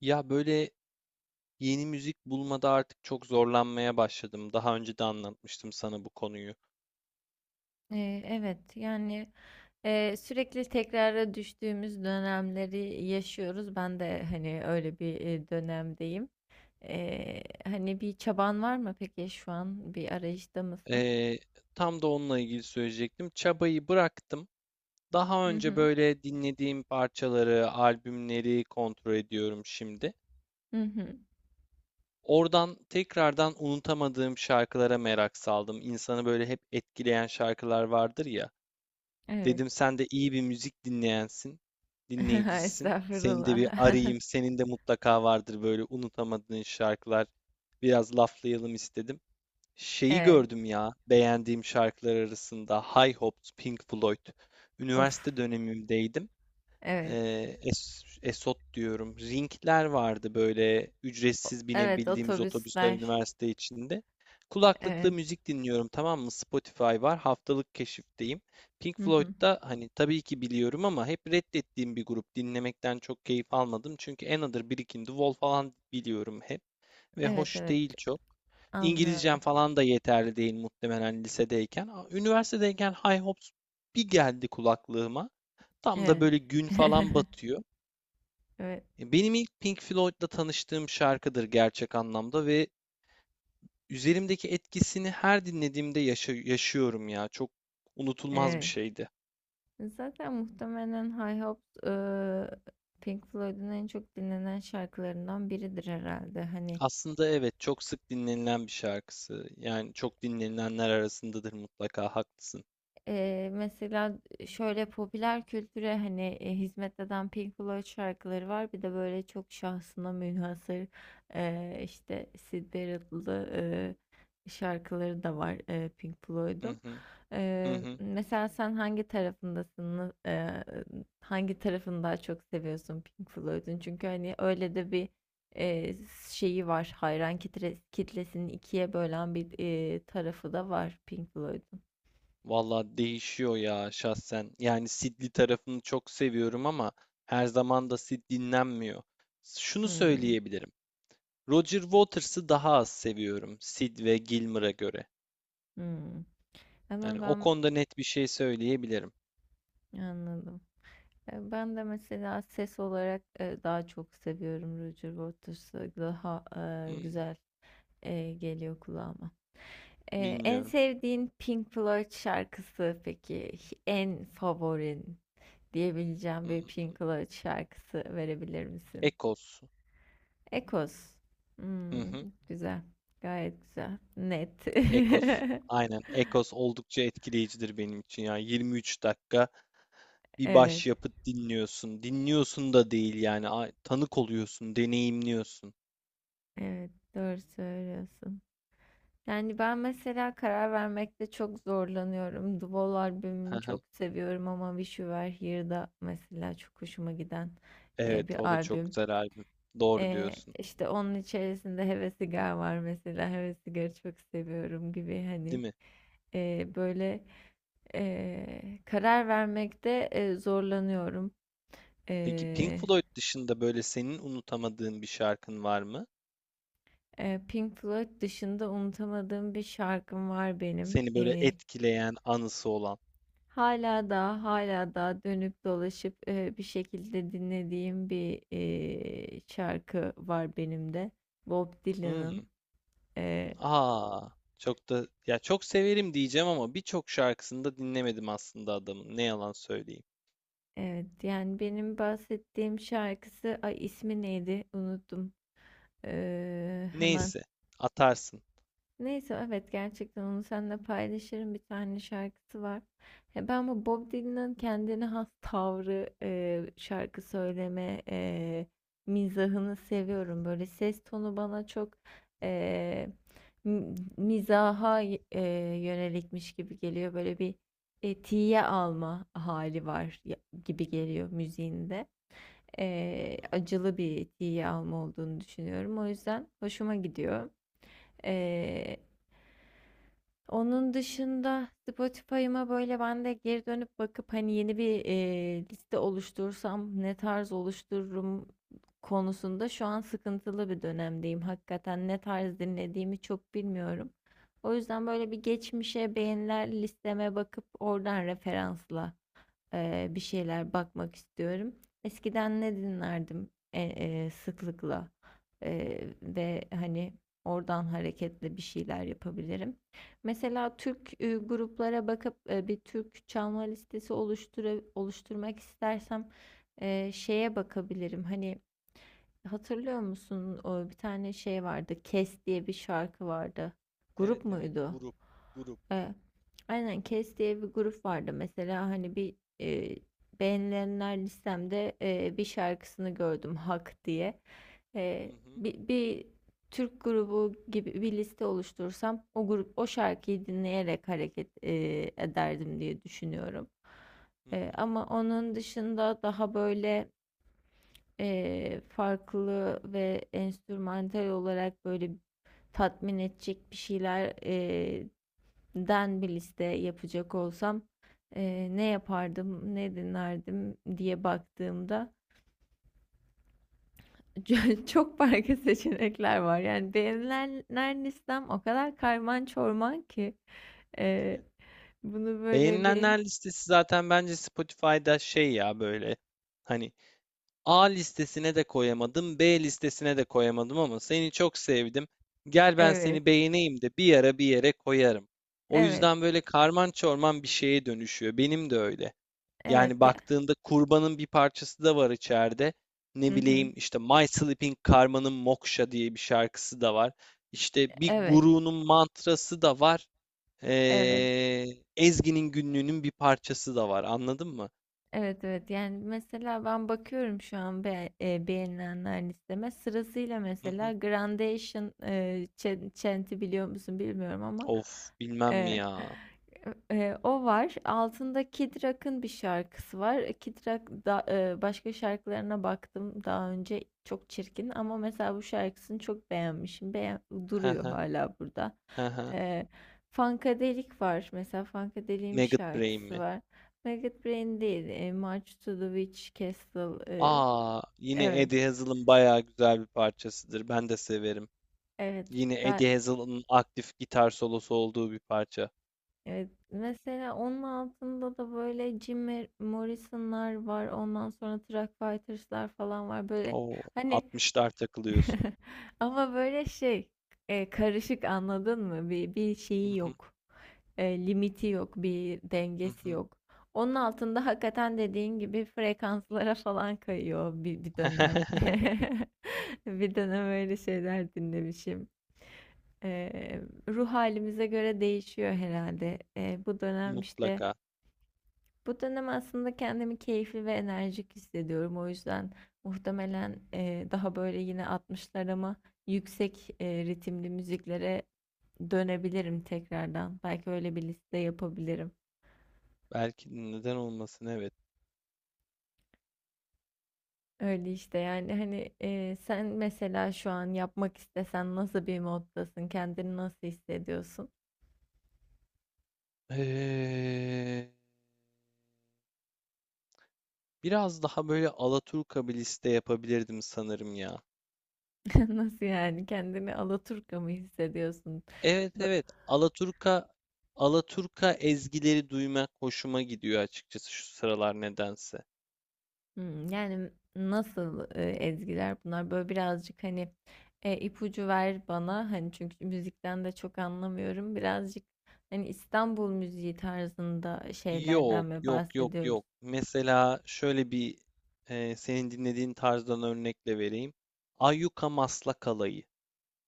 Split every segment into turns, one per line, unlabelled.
Ya böyle yeni müzik bulmada artık çok zorlanmaya başladım. Daha önce de anlatmıştım sana bu konuyu.
Evet, yani sürekli tekrara düştüğümüz dönemleri yaşıyoruz. Ben de hani öyle bir dönemdeyim. Hani bir çaban var mı peki? Şu an bir arayışta mısın?
Ee, Tam da onunla ilgili söyleyecektim. Çabayı bıraktım. Daha
Hı
önce
hı.
böyle dinlediğim parçaları, albümleri kontrol ediyorum şimdi.
Hı hı.
Oradan tekrardan unutamadığım şarkılara merak saldım. İnsanı böyle hep etkileyen şarkılar vardır ya.
Evet.
Dedim sen de iyi bir müzik dinleyensin, dinleyicisin. Seni de
Estağfurullah.
bir arayayım. Senin de mutlaka vardır böyle unutamadığın şarkılar. Biraz laflayalım istedim. Şeyi
Evet.
gördüm ya, beğendiğim şarkılar arasında High Hopes, Pink Floyd.
Of.
Üniversite dönemimdeydim.
Evet.
Es Esot diyorum. Ringler vardı böyle, ücretsiz
Evet,
binebildiğimiz otobüsler
otobüsler.
üniversite içinde. Kulaklıkla
Evet.
müzik dinliyorum, tamam mı? Spotify var. Haftalık keşifteyim. Pink
Hı hı.
Floyd'da hani tabii ki biliyorum ama hep reddettiğim bir grup. Dinlemekten çok keyif almadım. Çünkü Another, Brick in the Wall falan biliyorum hep. Ve
Evet,
hoş
evet,
değil çok. İngilizcem
anlıyorum.
falan da yeterli değil muhtemelen lisedeyken. Üniversitedeyken High Hopes bir geldi kulaklığıma. Tam da
Evet.
böyle gün falan batıyor.
Evet.
Benim ilk Pink Floyd'la tanıştığım şarkıdır gerçek anlamda ve üzerimdeki etkisini her dinlediğimde yaşıyorum ya. Çok unutulmaz bir
Evet.
şeydi.
Zaten muhtemelen High Hopes, Pink Floyd'un en çok dinlenen şarkılarından biridir herhalde. Hani,
Aslında evet, çok sık dinlenilen bir şarkısı. Yani çok dinlenilenler arasındadır mutlaka, haklısın.
Mesela şöyle popüler kültüre hani hizmet eden Pink Floyd şarkıları var. Bir de böyle çok şahsına münhasır, işte Syd Barrett'lı şarkıları da var Pink
Hı
Floyd'un.
hı, hı hı.
Mesela sen hangi tarafındasın? Hangi tarafını daha çok seviyorsun Pink Floyd'un? Çünkü hani öyle de bir eee, şeyi var. Hayran kitlesini ikiye bölen bir tarafı da var Pink Floyd'un.
Valla değişiyor ya şahsen. Yani Sid'li tarafını çok seviyorum ama her zaman da Sid dinlenmiyor. Şunu
Hmm.
söyleyebilirim. Roger Waters'ı daha az seviyorum Sid ve Gilmour'a göre.
Hımm.
Yani
Ama
o
ben
konuda net bir şey söyleyebilirim.
Anladım. Ben de mesela ses olarak, daha çok seviyorum Roger Waters'ı. Daha,
Hmm,
güzel, geliyor kulağıma. En
bilmiyorum.
sevdiğin Pink Floyd şarkısı peki? En favorin diyebileceğim bir
Hmm.
Pink Floyd şarkısı verebilir misin?
Eccles.
Echoes.
Hı
Hımm,
hı.
güzel. Gayet güzel. Net.
Eccles. Aynen. Eccles oldukça etkileyicidir benim için ya. 23 dakika bir
Evet,
başyapıt dinliyorsun. Dinliyorsun da değil yani. Tanık oluyorsun, deneyimliyorsun.
evet. Doğru söylüyorsun. Yani ben mesela karar vermekte çok zorlanıyorum. The Wall
Hı
albümünü
hı.
çok seviyorum, ama Wish You Were Here'da mesela çok hoşuma giden
Evet,
bir
o da çok
albüm.
güzel albüm. Doğru diyorsun.
İşte onun içerisinde Heves Sigar var mesela. Heves Sigar'ı çok seviyorum gibi, hani,
Değil mi?
böyle karar vermekte zorlanıyorum.
Peki Pink
E,
Floyd dışında böyle senin unutamadığın bir şarkın var mı?
Pink Floyd dışında unutamadığım bir şarkım var benim.
Seni böyle etkileyen, anısı olan.
Hala da, hala da dönüp dolaşıp, bir şekilde dinlediğim bir, şarkı var benim de. Bob
Hmm.
Dylan'ın. Eee,
Aa, Çok da ya, çok severim diyeceğim ama birçok şarkısını da dinlemedim aslında adamın. Ne yalan söyleyeyim.
evet, yani benim bahsettiğim şarkısı, ay, ismi neydi? Unuttum. Hemen
Neyse, atarsın.
Neyse, evet, gerçekten onu seninle paylaşırım. Bir tane şarkısı var. Ya ben bu Bob Dylan'ın kendine has tavrı, şarkı söyleme mizahını seviyorum. Böyle ses tonu bana çok e, mizaha yönelikmiş gibi geliyor. Böyle bir tiye alma hali var, gibi geliyor müziğinde.
Hı hı,
Acılı bir tiye alma olduğunu düşünüyorum. O yüzden hoşuma gidiyor.
hı hı,
Onun dışında Spotify'ıma böyle ben de geri dönüp bakıp, hani yeni bir liste oluştursam ne tarz oluştururum konusunda şu an sıkıntılı bir dönemdeyim. Hakikaten ne tarz dinlediğimi çok bilmiyorum. O yüzden böyle bir geçmişe, beğeniler listeme bakıp oradan referansla bir şeyler bakmak istiyorum. Eskiden ne dinlerdim sıklıkla, ve hani oradan hareketle bir şeyler yapabilirim.
hı hı.
Mesela Türk gruplara bakıp bir Türk çalma listesi oluşturmak istersem şeye bakabilirim. Hani, hatırlıyor musun? O bir tane şey vardı. Kes diye bir şarkı vardı.
Evet
Grup
evet,
muydu?
grup, grup.
Ee, aynen, Kes diye bir grup vardı. Mesela hani bir e, beğenilenler listemde bir şarkısını gördüm, Hak diye.
Hı
Ee,
hı,
bir, bir Türk grubu gibi bir liste oluşturursam, o grup o şarkıyı dinleyerek hareket ederdim diye düşünüyorum.
hı hı.
Ama onun dışında daha böyle farklı ve enstrümantal olarak böyle tatmin edecek bir şeyler den bir liste yapacak olsam ne yapardım, ne dinlerdim diye baktığımda çok farklı seçenekler var. Yani beğenilenler listem o kadar karman çorman ki,
Değil
eee,
mi?
bunu böyle bir
Beğenilenler listesi zaten bence Spotify'da şey ya böyle, hani A listesine de koyamadım, B listesine de koyamadım ama seni çok sevdim. Gel ben
Evet,
seni beğeneyim de bir ara bir yere koyarım. O
evet,
yüzden böyle karman çorman bir şeye dönüşüyor. Benim de öyle. Yani
evet ya.
baktığında kurbanın bir parçası da var içeride. Ne
Hı hı.
bileyim işte, My Sleeping Karma'nın Moksha diye bir şarkısı da var. İşte bir
Evet,
gurunun mantrası da var.
evet.
Ee, Ezgi'nin günlüğünün bir parçası da var. Anladın mı?
Evet, evet, yani mesela ben bakıyorum şu an beğenilenler listeme sırasıyla,
Hı
mesela
hı.
Grandation, Chant'i biliyor musun bilmiyorum ama,
Of, bilmem mi
e,
ya.
o var, altında Kid Rock'ın bir şarkısı var. Kid Rock da, başka şarkılarına baktım daha önce, çok çirkin, ama mesela bu şarkısını çok beğenmişim. Beğen duruyor hala burada.
Hı hı.
e, Funkadelic var mesela, Funkadelic'in bir
Maggot Brain
şarkısı
mi?
var. Maggot Brain değil. March to the Witch Castle.
Aa, yine
Evet.
Eddie Hazel'ın bayağı güzel bir parçasıdır. Ben de severim.
Evet.
Yine
ga-
Eddie Hazel'ın aktif gitar solosu olduğu bir parça.
evet. Mesela onun altında da böyle Jim Morrison'lar var. Ondan sonra Truck Fighters'lar falan var. Böyle
Oo,
hani
60'lar takılıyorsun.
ama böyle şey, karışık, anladın mı? Bir
Hı
şeyi
hı,
yok. Limiti yok, bir
hı
dengesi
hı.
yok. Onun altında hakikaten dediğin gibi frekanslara falan kayıyor bir dönem. Bir dönem öyle şeyler dinlemişim. E, Ruh halimize göre değişiyor herhalde. Bu dönem işte.
Mutlaka.
Bu dönem aslında kendimi keyifli ve enerjik hissediyorum. O yüzden muhtemelen daha böyle yine 60'larıma, yüksek ritimli müziklere dönebilirim tekrardan. Belki öyle bir liste yapabilirim.
Belki, neden olmasın, evet.
Öyle işte, yani hani sen mesela şu an yapmak istesen nasıl bir moddasın? Kendini nasıl hissediyorsun?
Ee, Biraz daha böyle Alaturka bir liste yapabilirdim sanırım ya.
Nasıl yani? Kendini Alaturka mı hissediyorsun?
Evet
Do-
evet, Alaturka, Alaturka ezgileri duymak hoşuma gidiyor açıkçası şu sıralar nedense.
Hımm, yani nasıl, ezgiler bunlar? Böyle birazcık, hani, ipucu ver bana. Hani, çünkü müzikten de çok anlamıyorum. Birazcık, hani, İstanbul müziği tarzında şeylerden
Yok,
mi
yok, yok,
bahsediyoruz?
yok. Mesela şöyle bir, senin dinlediğin tarzdan örnekle vereyim. Ayyuka Maslak Alayı.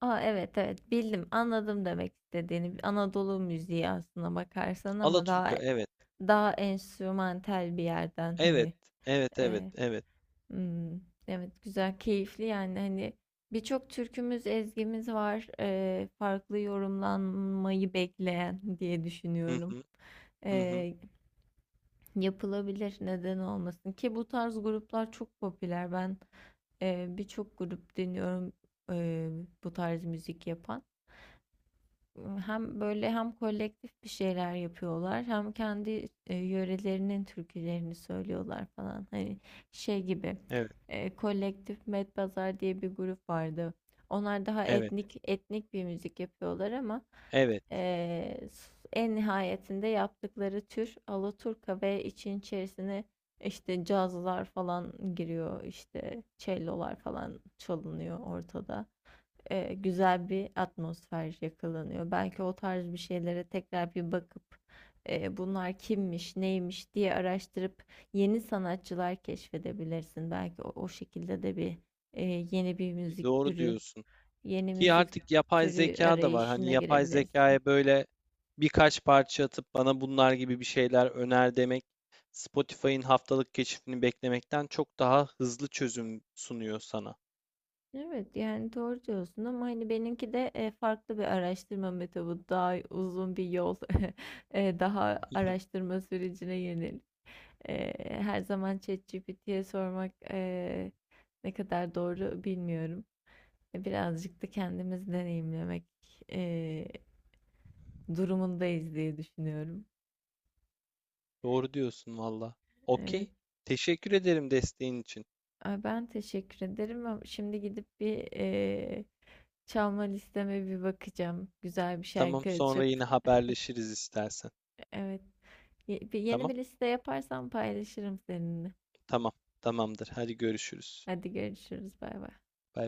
A, evet, evet, bildim, anladım demek istediğini. Anadolu müziği aslına bakarsan, ama daha
Alaturka, evet.
daha enstrümantal bir yerden,
Evet,
hani,
evet, evet,
e,
evet.
Hmm, evet, güzel, keyifli, yani hani birçok türkümüz, ezgimiz var. Farklı yorumlanmayı bekleyen diye
Hı
düşünüyorum.
hı, hı hı.
Eee, Yapılabilir, neden olmasın ki, bu tarz gruplar çok popüler. Ben birçok grup dinliyorum, eee, bu tarz müzik yapan. Hem böyle, hem kolektif bir şeyler yapıyorlar, hem kendi yörelerinin türkülerini söylüyorlar falan. Hani şey gibi,
Evet,
kolektif, Medpazar diye bir grup vardı. Onlar daha
evet,
etnik etnik bir müzik yapıyorlar, ama
evet.
e, en nihayetinde yaptıkları tür Alaturka ve için içerisine işte cazlar falan giriyor, işte cellolar falan çalınıyor ortada, güzel bir atmosfer yakalanıyor. Belki o tarz bir şeylere tekrar bir bakıp, bunlar kimmiş, neymiş diye araştırıp yeni sanatçılar keşfedebilirsin. Belki o şekilde de bir e, yeni bir
Değil mi?
müzik
Doğru
türü,
diyorsun.
yeni
Ki
müzik
artık yapay
türü
zeka da var. Hani
arayışına
yapay
girebilirsin.
zekaya böyle birkaç parça atıp bana bunlar gibi bir şeyler öner demek, Spotify'ın haftalık keşfini beklemekten çok daha hızlı çözüm sunuyor sana.
Evet, yani doğru diyorsun, ama hani benimki de farklı bir araştırma metodu, daha uzun bir yol, daha araştırma sürecine yönelik. Her zaman ChatGPT'ye sormak ne kadar doğru bilmiyorum. Birazcık da kendimiz deneyimlemek eee, durumundayız diye düşünüyorum.
Doğru diyorsun valla.
Evet.
Okey. Teşekkür ederim desteğin için.
Ay, ben teşekkür ederim, ama şimdi gidip bir çalma listeme bir bakacağım. Güzel bir
Tamam,
şarkı
sonra
açıp.
yine haberleşiriz istersen.
Evet. Yeni
Tamam?
bir liste yaparsam paylaşırım seninle.
Tamam. Tamamdır. Hadi görüşürüz.
Hadi görüşürüz. Bay bay.
Bay